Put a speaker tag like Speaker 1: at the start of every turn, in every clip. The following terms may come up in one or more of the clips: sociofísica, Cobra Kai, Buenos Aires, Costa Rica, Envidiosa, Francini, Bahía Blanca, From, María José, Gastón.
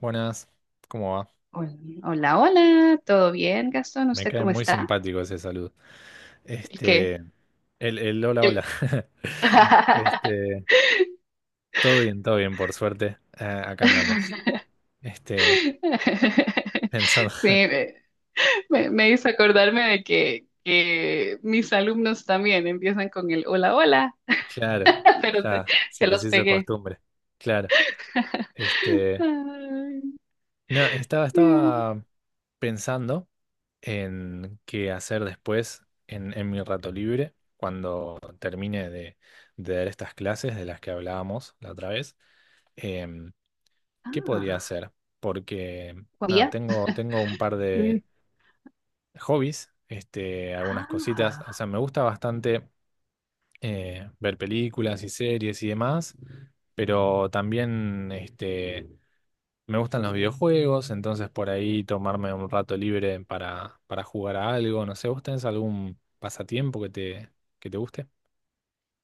Speaker 1: Buenas, ¿cómo va?
Speaker 2: Hola, hola, hola, ¿todo bien, Gastón?
Speaker 1: Me
Speaker 2: ¿Usted
Speaker 1: cae
Speaker 2: cómo
Speaker 1: muy
Speaker 2: está?
Speaker 1: simpático ese saludo.
Speaker 2: ¿El qué?
Speaker 1: Este, el hola, hola.
Speaker 2: El-
Speaker 1: Este, todo bien, por suerte. Ah, acá andamos. Este, pensando,
Speaker 2: Sí, me hizo acordarme de que mis alumnos también empiezan con el hola, hola,
Speaker 1: claro,
Speaker 2: pero se,
Speaker 1: ya se
Speaker 2: se
Speaker 1: les
Speaker 2: los
Speaker 1: hizo
Speaker 2: pegué.
Speaker 1: costumbre. Claro. Este,
Speaker 2: Ay,
Speaker 1: no,
Speaker 2: bien.
Speaker 1: estaba pensando en qué hacer después en mi rato libre, cuando termine de dar estas clases de las que hablábamos la otra vez. Em, ¿Qué podría
Speaker 2: Ah,
Speaker 1: hacer? Porque
Speaker 2: ¿cuál
Speaker 1: nada,
Speaker 2: día?
Speaker 1: tengo un par de
Speaker 2: Sí.
Speaker 1: hobbies, algunas cositas. O
Speaker 2: Ah,
Speaker 1: sea, me gusta bastante ver películas y series y demás, pero también me gustan los videojuegos, entonces por ahí tomarme un rato libre para jugar a algo. No sé, ¿vos tenés algún pasatiempo que que te guste?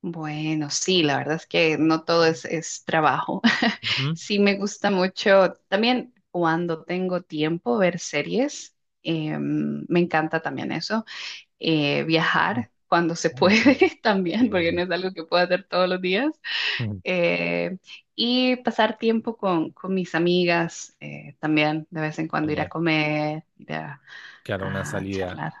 Speaker 2: bueno, sí, la verdad es que no todo es trabajo.
Speaker 1: Ujú.
Speaker 2: Sí, me gusta mucho también cuando tengo tiempo ver series. Me encanta también eso. Viajar cuando se
Speaker 1: Uy,
Speaker 2: puede
Speaker 1: bien. Sí,
Speaker 2: también, porque
Speaker 1: sí, sí.
Speaker 2: no es algo que pueda hacer todos los días.
Speaker 1: Mm.
Speaker 2: Eh, y pasar tiempo con mis amigas también, de vez en cuando ir a
Speaker 1: Genial.
Speaker 2: comer, ir a
Speaker 1: Claro, una
Speaker 2: a
Speaker 1: salida.
Speaker 2: charlar.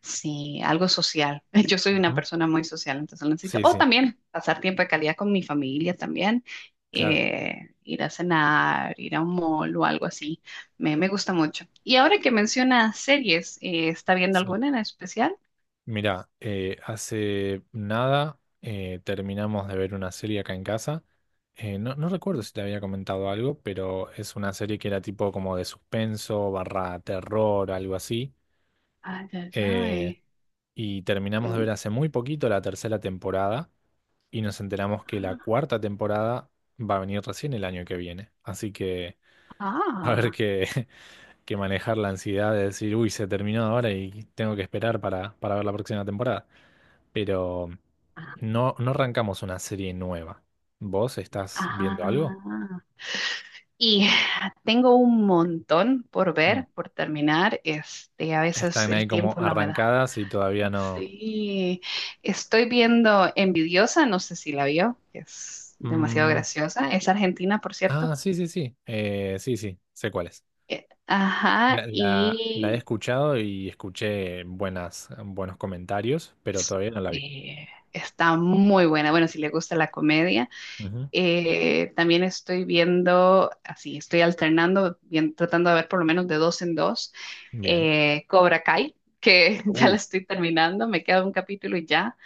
Speaker 2: Sí, algo social. Yo soy una
Speaker 1: Ujú.
Speaker 2: persona muy social, entonces lo necesito.
Speaker 1: Sí,
Speaker 2: O
Speaker 1: sí,
Speaker 2: también pasar tiempo de calidad con mi familia también.
Speaker 1: claro.
Speaker 2: Ir a cenar, ir a un mall o algo así. Me gusta mucho. Y ahora que menciona series, ¿está viendo
Speaker 1: Sí.
Speaker 2: alguna en especial?
Speaker 1: Mirá, hace nada terminamos de ver una serie acá en casa. No, no recuerdo si te había comentado algo, pero es una serie que era tipo como de suspenso, barra terror, algo así.
Speaker 2: Ay, ay,
Speaker 1: Eh,
Speaker 2: ay.
Speaker 1: y terminamos de
Speaker 2: Mm.
Speaker 1: ver hace muy poquito la tercera temporada y nos enteramos que la cuarta temporada va a venir recién el año que viene. Así que va a haber
Speaker 2: Ah,
Speaker 1: que manejar la ansiedad de decir, uy, se terminó ahora y tengo que esperar para ver la próxima temporada, pero
Speaker 2: ah,
Speaker 1: no, no arrancamos una serie nueva. ¿Vos estás viendo algo?
Speaker 2: ah. Y tengo un montón por
Speaker 1: Mm.
Speaker 2: ver, por terminar. Este, a veces
Speaker 1: Están ahí
Speaker 2: el
Speaker 1: como
Speaker 2: tiempo no me da.
Speaker 1: arrancadas y todavía no.
Speaker 2: Sí, estoy viendo Envidiosa, no sé si la vio, que es demasiado
Speaker 1: Mm,
Speaker 2: graciosa. Es argentina, por
Speaker 1: ah,
Speaker 2: cierto.
Speaker 1: sí, sí, sí. Sí, sí, sé cuál es.
Speaker 2: Ajá,
Speaker 1: La he
Speaker 2: y
Speaker 1: escuchado y escuché buenas, buenos comentarios, pero todavía no la vi.
Speaker 2: está muy buena. Bueno, si le gusta la comedia.
Speaker 1: Ujú.
Speaker 2: También estoy viendo, así, estoy alternando, tratando de ver por lo menos de dos en dos,
Speaker 1: Bien.
Speaker 2: Cobra Kai, que ya la
Speaker 1: Uh,
Speaker 2: estoy terminando, me queda un capítulo y ya.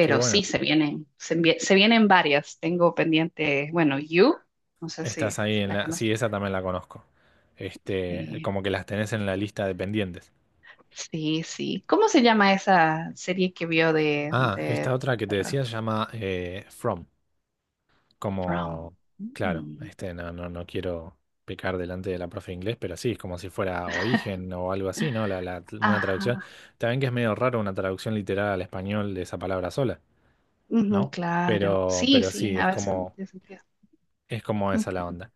Speaker 1: qué
Speaker 2: sí,
Speaker 1: bueno.
Speaker 2: se vienen varias. Tengo pendiente, bueno, You, no sé
Speaker 1: Estás
Speaker 2: si,
Speaker 1: ahí
Speaker 2: si
Speaker 1: en
Speaker 2: la
Speaker 1: la.
Speaker 2: conoces.
Speaker 1: Sí, esa también la conozco. Este,
Speaker 2: Eh,
Speaker 1: como que las tenés en la lista de pendientes.
Speaker 2: sí, sí. ¿Cómo se llama esa serie que vio de,
Speaker 1: Ah, esta
Speaker 2: de
Speaker 1: otra que te decía se llama From.
Speaker 2: From?
Speaker 1: Como, claro,
Speaker 2: Mm.
Speaker 1: este, no, no, no quiero pecar delante de la profe de inglés, pero sí, es como si fuera origen o algo así, ¿no? Una traducción.
Speaker 2: Ajá.
Speaker 1: También que es medio raro una traducción literal al español de esa palabra sola,
Speaker 2: Ujú,
Speaker 1: ¿no?
Speaker 2: claro. Sí,
Speaker 1: Pero
Speaker 2: sí,
Speaker 1: sí,
Speaker 2: a veces tiene sentido.
Speaker 1: es como esa la
Speaker 2: Ujú.
Speaker 1: onda.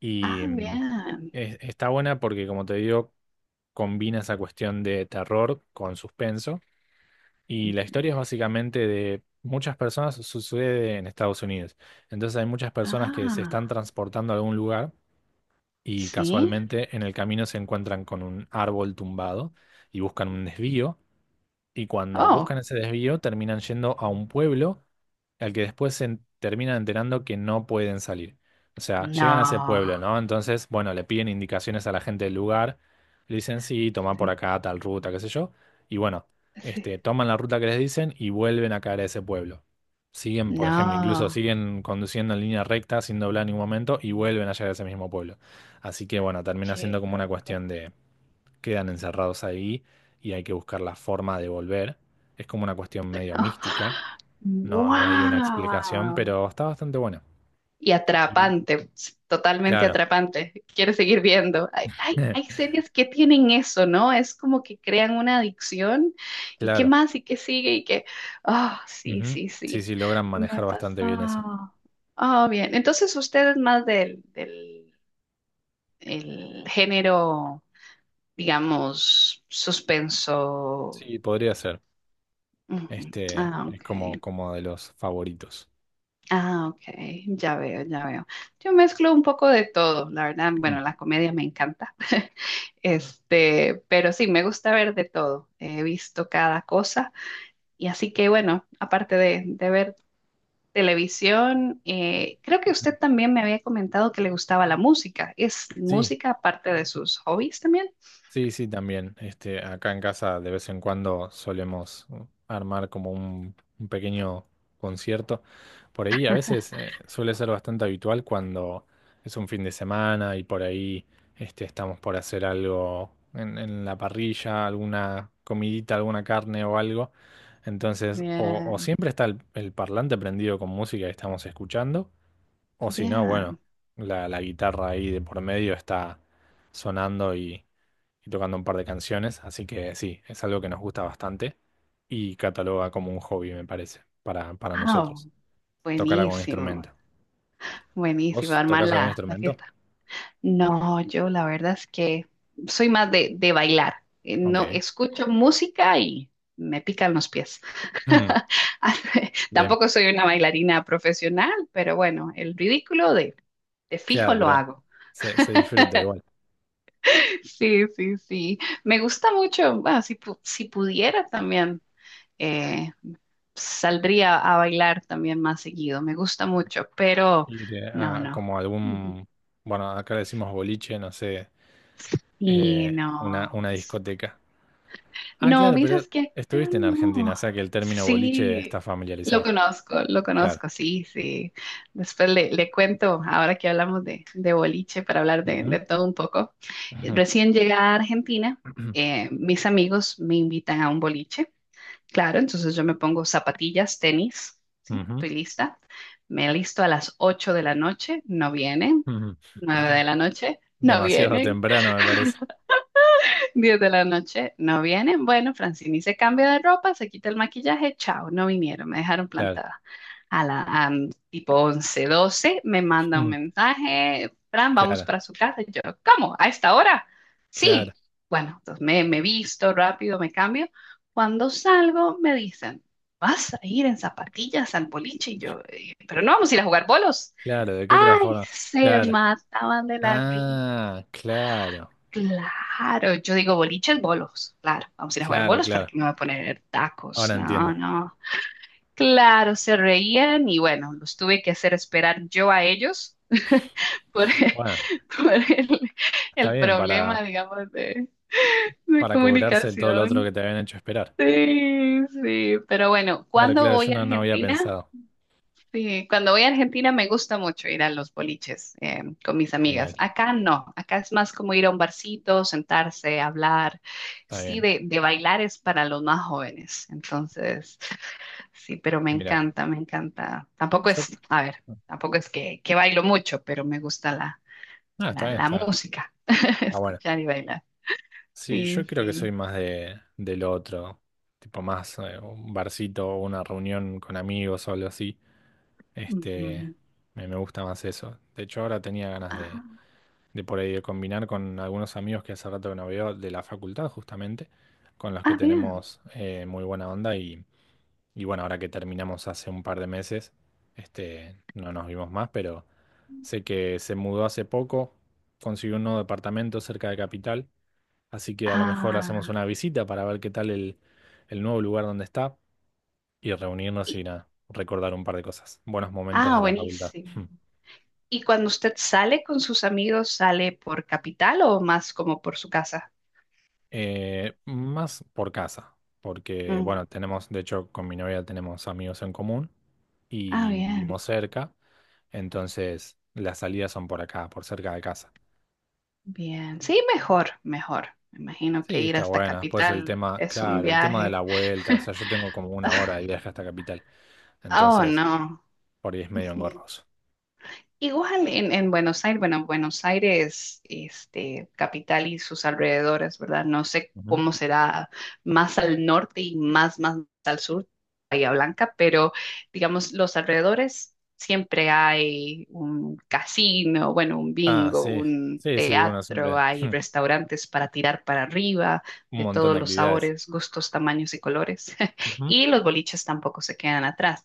Speaker 1: Y
Speaker 2: Ah, bien.
Speaker 1: está buena porque, como te digo, combina esa cuestión de terror con suspenso. Y la historia
Speaker 2: Ujú.
Speaker 1: es básicamente de muchas personas, sucede en Estados Unidos. Entonces hay muchas personas que se
Speaker 2: Ah,
Speaker 1: están transportando a algún lugar y
Speaker 2: sí.
Speaker 1: casualmente en el camino se encuentran con un árbol tumbado y buscan un desvío. Y cuando
Speaker 2: Oh,
Speaker 1: buscan ese desvío, terminan yendo a un pueblo al que después terminan enterando que no pueden salir. O sea, llegan a ese
Speaker 2: no.
Speaker 1: pueblo, ¿no? Entonces, bueno, le piden indicaciones a la gente del lugar, le dicen, sí, toma por
Speaker 2: Sí,
Speaker 1: acá tal ruta, qué sé yo, y bueno,
Speaker 2: sí.
Speaker 1: toman la ruta que les dicen y vuelven a caer a ese pueblo. Siguen, por ejemplo, incluso
Speaker 2: No,
Speaker 1: siguen conduciendo en línea recta sin doblar en ningún momento y vuelven a llegar a ese mismo pueblo. Así que bueno, termina siendo
Speaker 2: qué
Speaker 1: como una
Speaker 2: loco.
Speaker 1: cuestión, quedan encerrados ahí y hay que buscar la forma de volver. Es como una cuestión medio mística, no, no hay una explicación,
Speaker 2: Wow.
Speaker 1: pero está bastante bueno.
Speaker 2: Y
Speaker 1: Y
Speaker 2: atrapante, totalmente
Speaker 1: claro,
Speaker 2: atrapante. Quieres seguir viendo. Hay series que tienen eso, ¿no? Es como que crean una adicción. ¿Y qué
Speaker 1: claro.
Speaker 2: más? ¿Y qué sigue? Ah, sí,
Speaker 1: Ujú.
Speaker 2: sí,
Speaker 1: Sí,
Speaker 2: sí.
Speaker 1: sí, logran
Speaker 2: Me
Speaker 1: manejar
Speaker 2: ha
Speaker 1: bastante bien eso.
Speaker 2: pasado. Ah, bien. Entonces usted es más del, del el género, digamos, suspenso.
Speaker 1: Sí, podría ser.
Speaker 2: Ujú.
Speaker 1: Este
Speaker 2: Ah,
Speaker 1: es
Speaker 2: ok.
Speaker 1: como, como de los favoritos.
Speaker 2: Ah, ok, ya veo, ya veo. Yo mezclo un poco de todo, la verdad,
Speaker 1: Mm.
Speaker 2: bueno, la comedia me encanta, este, pero sí, me gusta ver de todo, he visto cada cosa y así que bueno, aparte de ver televisión, creo que usted también me había comentado que le gustaba la música, ¿es
Speaker 1: Sí.
Speaker 2: música aparte de sus hobbies también?
Speaker 1: Sí, sí, también. Este, acá en casa de vez en cuando solemos armar como un pequeño concierto. Por ahí a veces suele ser bastante habitual cuando es un fin de semana y por ahí estamos por hacer algo en la parrilla, alguna comidita, alguna carne o algo. Entonces, o
Speaker 2: Bien,
Speaker 1: siempre está el parlante prendido con música que estamos escuchando, o si no,
Speaker 2: bien.
Speaker 1: bueno, la guitarra ahí de por medio está sonando y tocando un par de canciones, así que sí, es algo que nos gusta bastante y cataloga como un hobby, me parece, para
Speaker 2: Ah,
Speaker 1: nosotros, tocar algún
Speaker 2: buenísimo,
Speaker 1: instrumento.
Speaker 2: buenísimo,
Speaker 1: ¿Vos
Speaker 2: armar
Speaker 1: tocas algún
Speaker 2: la
Speaker 1: instrumento?
Speaker 2: fiesta. No, yo la verdad es que soy más de bailar.
Speaker 1: Ok.
Speaker 2: No escucho música y me pican los pies.
Speaker 1: Mm, bien,
Speaker 2: Tampoco soy una bailarina profesional, pero bueno, el ridículo de fijo
Speaker 1: claro,
Speaker 2: lo
Speaker 1: ¿verdad?
Speaker 2: hago.
Speaker 1: Se disfruta igual.
Speaker 2: Sí, sí, sí. Me gusta mucho. Bueno, si pudiera también, eh, saldría a bailar también más seguido. Me gusta mucho, pero
Speaker 1: Ir
Speaker 2: no,
Speaker 1: a
Speaker 2: no.
Speaker 1: como
Speaker 2: Ujú.
Speaker 1: algún, bueno, acá le decimos boliche, no sé,
Speaker 2: Y no.
Speaker 1: una discoteca. Ah,
Speaker 2: No,
Speaker 1: claro, pero
Speaker 2: vieras que acá
Speaker 1: estuviste en Argentina, o
Speaker 2: no.
Speaker 1: sea que el término boliche está
Speaker 2: Sí,
Speaker 1: familiarizado.
Speaker 2: lo
Speaker 1: Claro.
Speaker 2: conozco, sí, sí. Después le cuento, ahora que hablamos de boliche, para hablar de,
Speaker 1: Ujú,
Speaker 2: de todo un poco.
Speaker 1: ujú,
Speaker 2: Recién llegada a Argentina, mis amigos me invitan a un boliche. Claro, entonces yo me pongo zapatillas, tenis, ¿sí?
Speaker 1: ujú,
Speaker 2: Estoy lista. Me listo a las 8 de la noche, no vienen.
Speaker 1: ujú,
Speaker 2: 9 de la noche, no
Speaker 1: demasiado
Speaker 2: vienen.
Speaker 1: temprano, me parece.
Speaker 2: 10 de la noche, no vienen. Bueno, Francini se cambia de ropa, se quita el maquillaje, chao, no vinieron, me dejaron
Speaker 1: Claro.
Speaker 2: plantada. A la a, mm, Tipo 11 12 me manda un
Speaker 1: Mm,
Speaker 2: mensaje, Fran, vamos
Speaker 1: claro,
Speaker 2: para su casa. Y yo, ¿cómo? ¿A esta hora?
Speaker 1: claro,
Speaker 2: Sí. Bueno, entonces me visto rápido, me cambio. Cuando salgo, me dicen, vas a ir en zapatillas al boliche. Y yo, pero no vamos a ir a jugar bolos."
Speaker 1: claro. ¿De qué otra
Speaker 2: Ay,
Speaker 1: forma?
Speaker 2: se
Speaker 1: Claro.
Speaker 2: mataban de la risa.
Speaker 1: Ah, claro,
Speaker 2: Claro, yo digo boliches, bolos. Claro, vamos a ir a jugar
Speaker 1: claro,
Speaker 2: bolos para
Speaker 1: claro.
Speaker 2: que me voy a poner tacos.
Speaker 1: Ahora
Speaker 2: No,
Speaker 1: entiendo.
Speaker 2: no. Claro, se reían y bueno, los tuve que hacer esperar yo a ellos por,
Speaker 1: Bueno,
Speaker 2: por el,
Speaker 1: está
Speaker 2: el
Speaker 1: bien
Speaker 2: problema, digamos, de
Speaker 1: para cobrarse todo lo otro
Speaker 2: comunicación.
Speaker 1: que te habían hecho esperar.
Speaker 2: Sí, sí, pero bueno,
Speaker 1: Claro,
Speaker 2: ¿cuándo
Speaker 1: claro, yo
Speaker 2: voy a
Speaker 1: no, no había
Speaker 2: Argentina?
Speaker 1: pensado.
Speaker 2: Sí, cuando voy a Argentina me gusta mucho ir a los boliches con mis
Speaker 1: Genial.
Speaker 2: amigas. Acá no, acá es más como ir a un barcito, sentarse, hablar.
Speaker 1: Está
Speaker 2: Sí,
Speaker 1: bien.
Speaker 2: de bailar es para los más jóvenes. Entonces, sí, pero me
Speaker 1: Mira,
Speaker 2: encanta, me encanta. Tampoco
Speaker 1: yo...
Speaker 2: es, a ver, tampoco es que bailo mucho, pero me gusta la,
Speaker 1: Ah, está
Speaker 2: la,
Speaker 1: bien,
Speaker 2: la
Speaker 1: está.
Speaker 2: música,
Speaker 1: Ah, bueno.
Speaker 2: escuchar y bailar.
Speaker 1: Sí,
Speaker 2: Sí,
Speaker 1: yo creo que
Speaker 2: sí.
Speaker 1: soy más del otro, tipo más un barcito o una reunión con amigos o algo así. Este,
Speaker 2: Ujú.
Speaker 1: me gusta más eso. De hecho, ahora tenía ganas
Speaker 2: Ah,
Speaker 1: de por ahí de combinar con algunos amigos que hace rato que no veo de la facultad, justamente, con los que
Speaker 2: ah, bien.
Speaker 1: tenemos muy buena onda y bueno, ahora que terminamos hace un par de meses, este, no nos vimos más, pero sé que se mudó hace poco, consiguió un nuevo departamento cerca de Capital. Así que a lo mejor hacemos
Speaker 2: Ah,
Speaker 1: una visita para ver qué tal el nuevo lugar donde está y reunirnos
Speaker 2: y-
Speaker 1: y nada, recordar un par de cosas, buenos momentos
Speaker 2: ah,
Speaker 1: de la facultad.
Speaker 2: buenísimo.
Speaker 1: Hmm.
Speaker 2: ¿Y cuando usted sale con sus amigos, sale por capital o más como por su casa?
Speaker 1: Más por casa, porque
Speaker 2: Mm.
Speaker 1: bueno, tenemos, de hecho, con mi novia tenemos amigos en común
Speaker 2: Ah,
Speaker 1: y
Speaker 2: bien,
Speaker 1: vivimos cerca, entonces las salidas son por acá, por cerca de casa.
Speaker 2: bien. Sí, mejor, mejor. Me imagino que
Speaker 1: Sí,
Speaker 2: ir
Speaker 1: está
Speaker 2: hasta
Speaker 1: buena. Después el
Speaker 2: capital
Speaker 1: tema,
Speaker 2: es un
Speaker 1: claro, el tema de la
Speaker 2: viaje.
Speaker 1: vuelta, o sea, yo tengo como una hora de viaje hasta Capital,
Speaker 2: Oh,
Speaker 1: entonces
Speaker 2: no.
Speaker 1: por ahí es medio engorroso.
Speaker 2: Igual en Buenos Aires, bueno, Buenos Aires, este, capital y sus alrededores, ¿verdad? No sé cómo será más al norte y más al sur, Bahía Blanca, pero digamos, los alrededores siempre hay un casino, bueno, un
Speaker 1: Ah,
Speaker 2: bingo,
Speaker 1: sí,
Speaker 2: un
Speaker 1: sí, sí, bueno,
Speaker 2: teatro,
Speaker 1: siempre
Speaker 2: hay restaurantes para tirar para arriba,
Speaker 1: un
Speaker 2: de
Speaker 1: montón
Speaker 2: todos
Speaker 1: de
Speaker 2: los
Speaker 1: actividades.
Speaker 2: sabores, gustos, tamaños y colores.
Speaker 1: Ujú.
Speaker 2: Y los boliches tampoco se quedan atrás.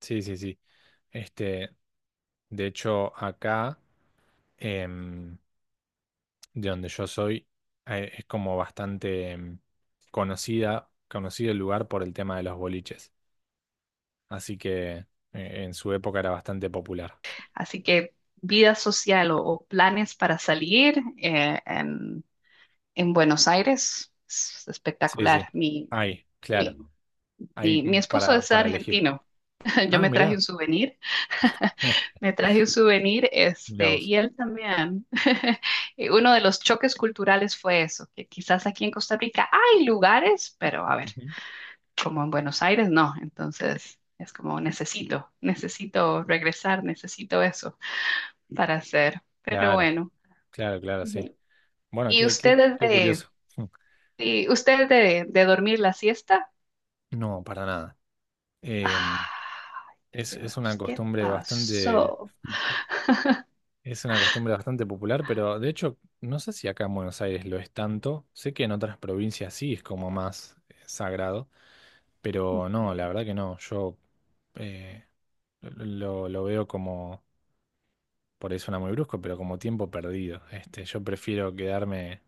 Speaker 1: Sí, sí, sí. Este, de hecho, acá, em, de donde yo soy, es como bastante conocido el lugar por el tema de los boliches. Así que en su época era bastante popular.
Speaker 2: Así que vida social o planes para salir en Buenos Aires es
Speaker 1: Sí,
Speaker 2: espectacular.
Speaker 1: sí. Ahí,
Speaker 2: Mi,
Speaker 1: claro. Ahí
Speaker 2: mi esposo es
Speaker 1: para elegir.
Speaker 2: argentino. Yo
Speaker 1: Ah,
Speaker 2: me traje un
Speaker 1: mirá.
Speaker 2: souvenir,
Speaker 1: Eh,
Speaker 2: me traje un souvenir,
Speaker 1: mirá
Speaker 2: este,
Speaker 1: vos.
Speaker 2: y él también. Y uno de los choques culturales fue eso, que quizás aquí en Costa Rica hay lugares, pero a ver,
Speaker 1: Ujú.
Speaker 2: como en Buenos Aires no. Entonces es como necesito, necesito regresar, necesito eso para hacer. Pero
Speaker 1: Claro,
Speaker 2: bueno.
Speaker 1: claro, claro, sí. Bueno,
Speaker 2: ¿Y
Speaker 1: qué, qué,
Speaker 2: ustedes
Speaker 1: qué
Speaker 2: de,
Speaker 1: curioso.
Speaker 2: y ustedes de dormir la siesta?
Speaker 1: No, para nada. Eh,
Speaker 2: Ah,
Speaker 1: es una
Speaker 2: Dios, ¿qué
Speaker 1: costumbre bastante,
Speaker 2: pasó?
Speaker 1: es una costumbre bastante popular, pero de hecho, no sé si acá en Buenos Aires lo es tanto. Sé que en otras provincias sí es como más sagrado, pero no, la verdad que no. Yo eh, lo veo como, por ahí suena muy brusco, pero como tiempo perdido. Este, yo prefiero quedarme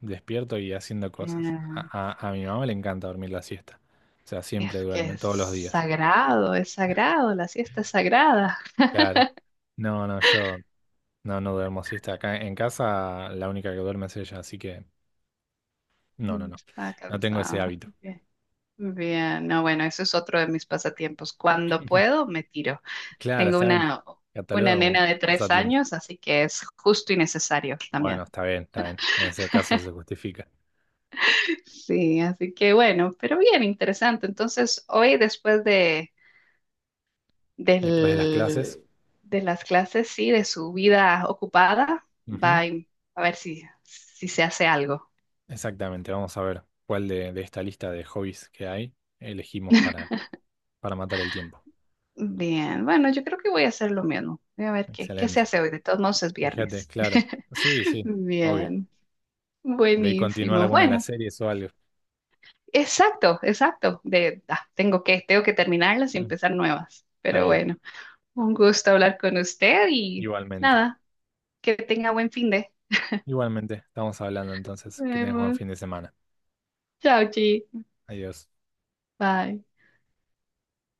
Speaker 1: despierto y haciendo cosas.
Speaker 2: Mm,
Speaker 1: A mi mamá le encanta dormir la siesta. O sea, siempre
Speaker 2: Es que
Speaker 1: duerme, todos los días.
Speaker 2: es sagrado, la siesta es sagrada.
Speaker 1: Claro. No, no, yo. No, no duermo siesta. Acá en casa la única que duerme es ella, así que no, no, no.
Speaker 2: Está
Speaker 1: No tengo ese
Speaker 2: cansada.
Speaker 1: hábito.
Speaker 2: Bien. Bien, no, bueno, eso es otro de mis pasatiempos. Cuando puedo, me tiro.
Speaker 1: Claro,
Speaker 2: Tengo
Speaker 1: está bien.
Speaker 2: una
Speaker 1: Cataloga como
Speaker 2: nena de tres
Speaker 1: pasatiempo.
Speaker 2: años, así que es justo y necesario también.
Speaker 1: Bueno, está bien, está bien. En ese caso se justifica.
Speaker 2: Sí, así que bueno, pero bien interesante. Entonces, hoy después
Speaker 1: Después de las clases.
Speaker 2: del, de las clases, sí, de su vida ocupada, va
Speaker 1: Ujú,
Speaker 2: a a ver si se hace algo.
Speaker 1: exactamente, vamos a ver cuál de esta lista de hobbies que hay elegimos para matar el tiempo.
Speaker 2: Bien, bueno, yo creo que voy a hacer lo mismo. Voy a ver qué se
Speaker 1: Excelente.
Speaker 2: hace hoy. De todos modos es
Speaker 1: Fíjate,
Speaker 2: viernes.
Speaker 1: claro. Sí, sí, obvio.
Speaker 2: Bien,
Speaker 1: Por ahí continuar
Speaker 2: buenísimo.
Speaker 1: alguna de las
Speaker 2: Bueno,
Speaker 1: series o algo.
Speaker 2: exacto, exacto. Tengo que, terminarlas y
Speaker 1: Sí.
Speaker 2: empezar nuevas.
Speaker 1: Está
Speaker 2: Pero
Speaker 1: bien,
Speaker 2: bueno, un gusto hablar con usted y
Speaker 1: igualmente.
Speaker 2: nada, que tenga buen fin de.
Speaker 1: Igualmente, estamos hablando entonces.
Speaker 2: Nos
Speaker 1: Que tengas buen
Speaker 2: vemos.
Speaker 1: fin de semana.
Speaker 2: Chao, Chi.
Speaker 1: Adiós.
Speaker 2: Bye.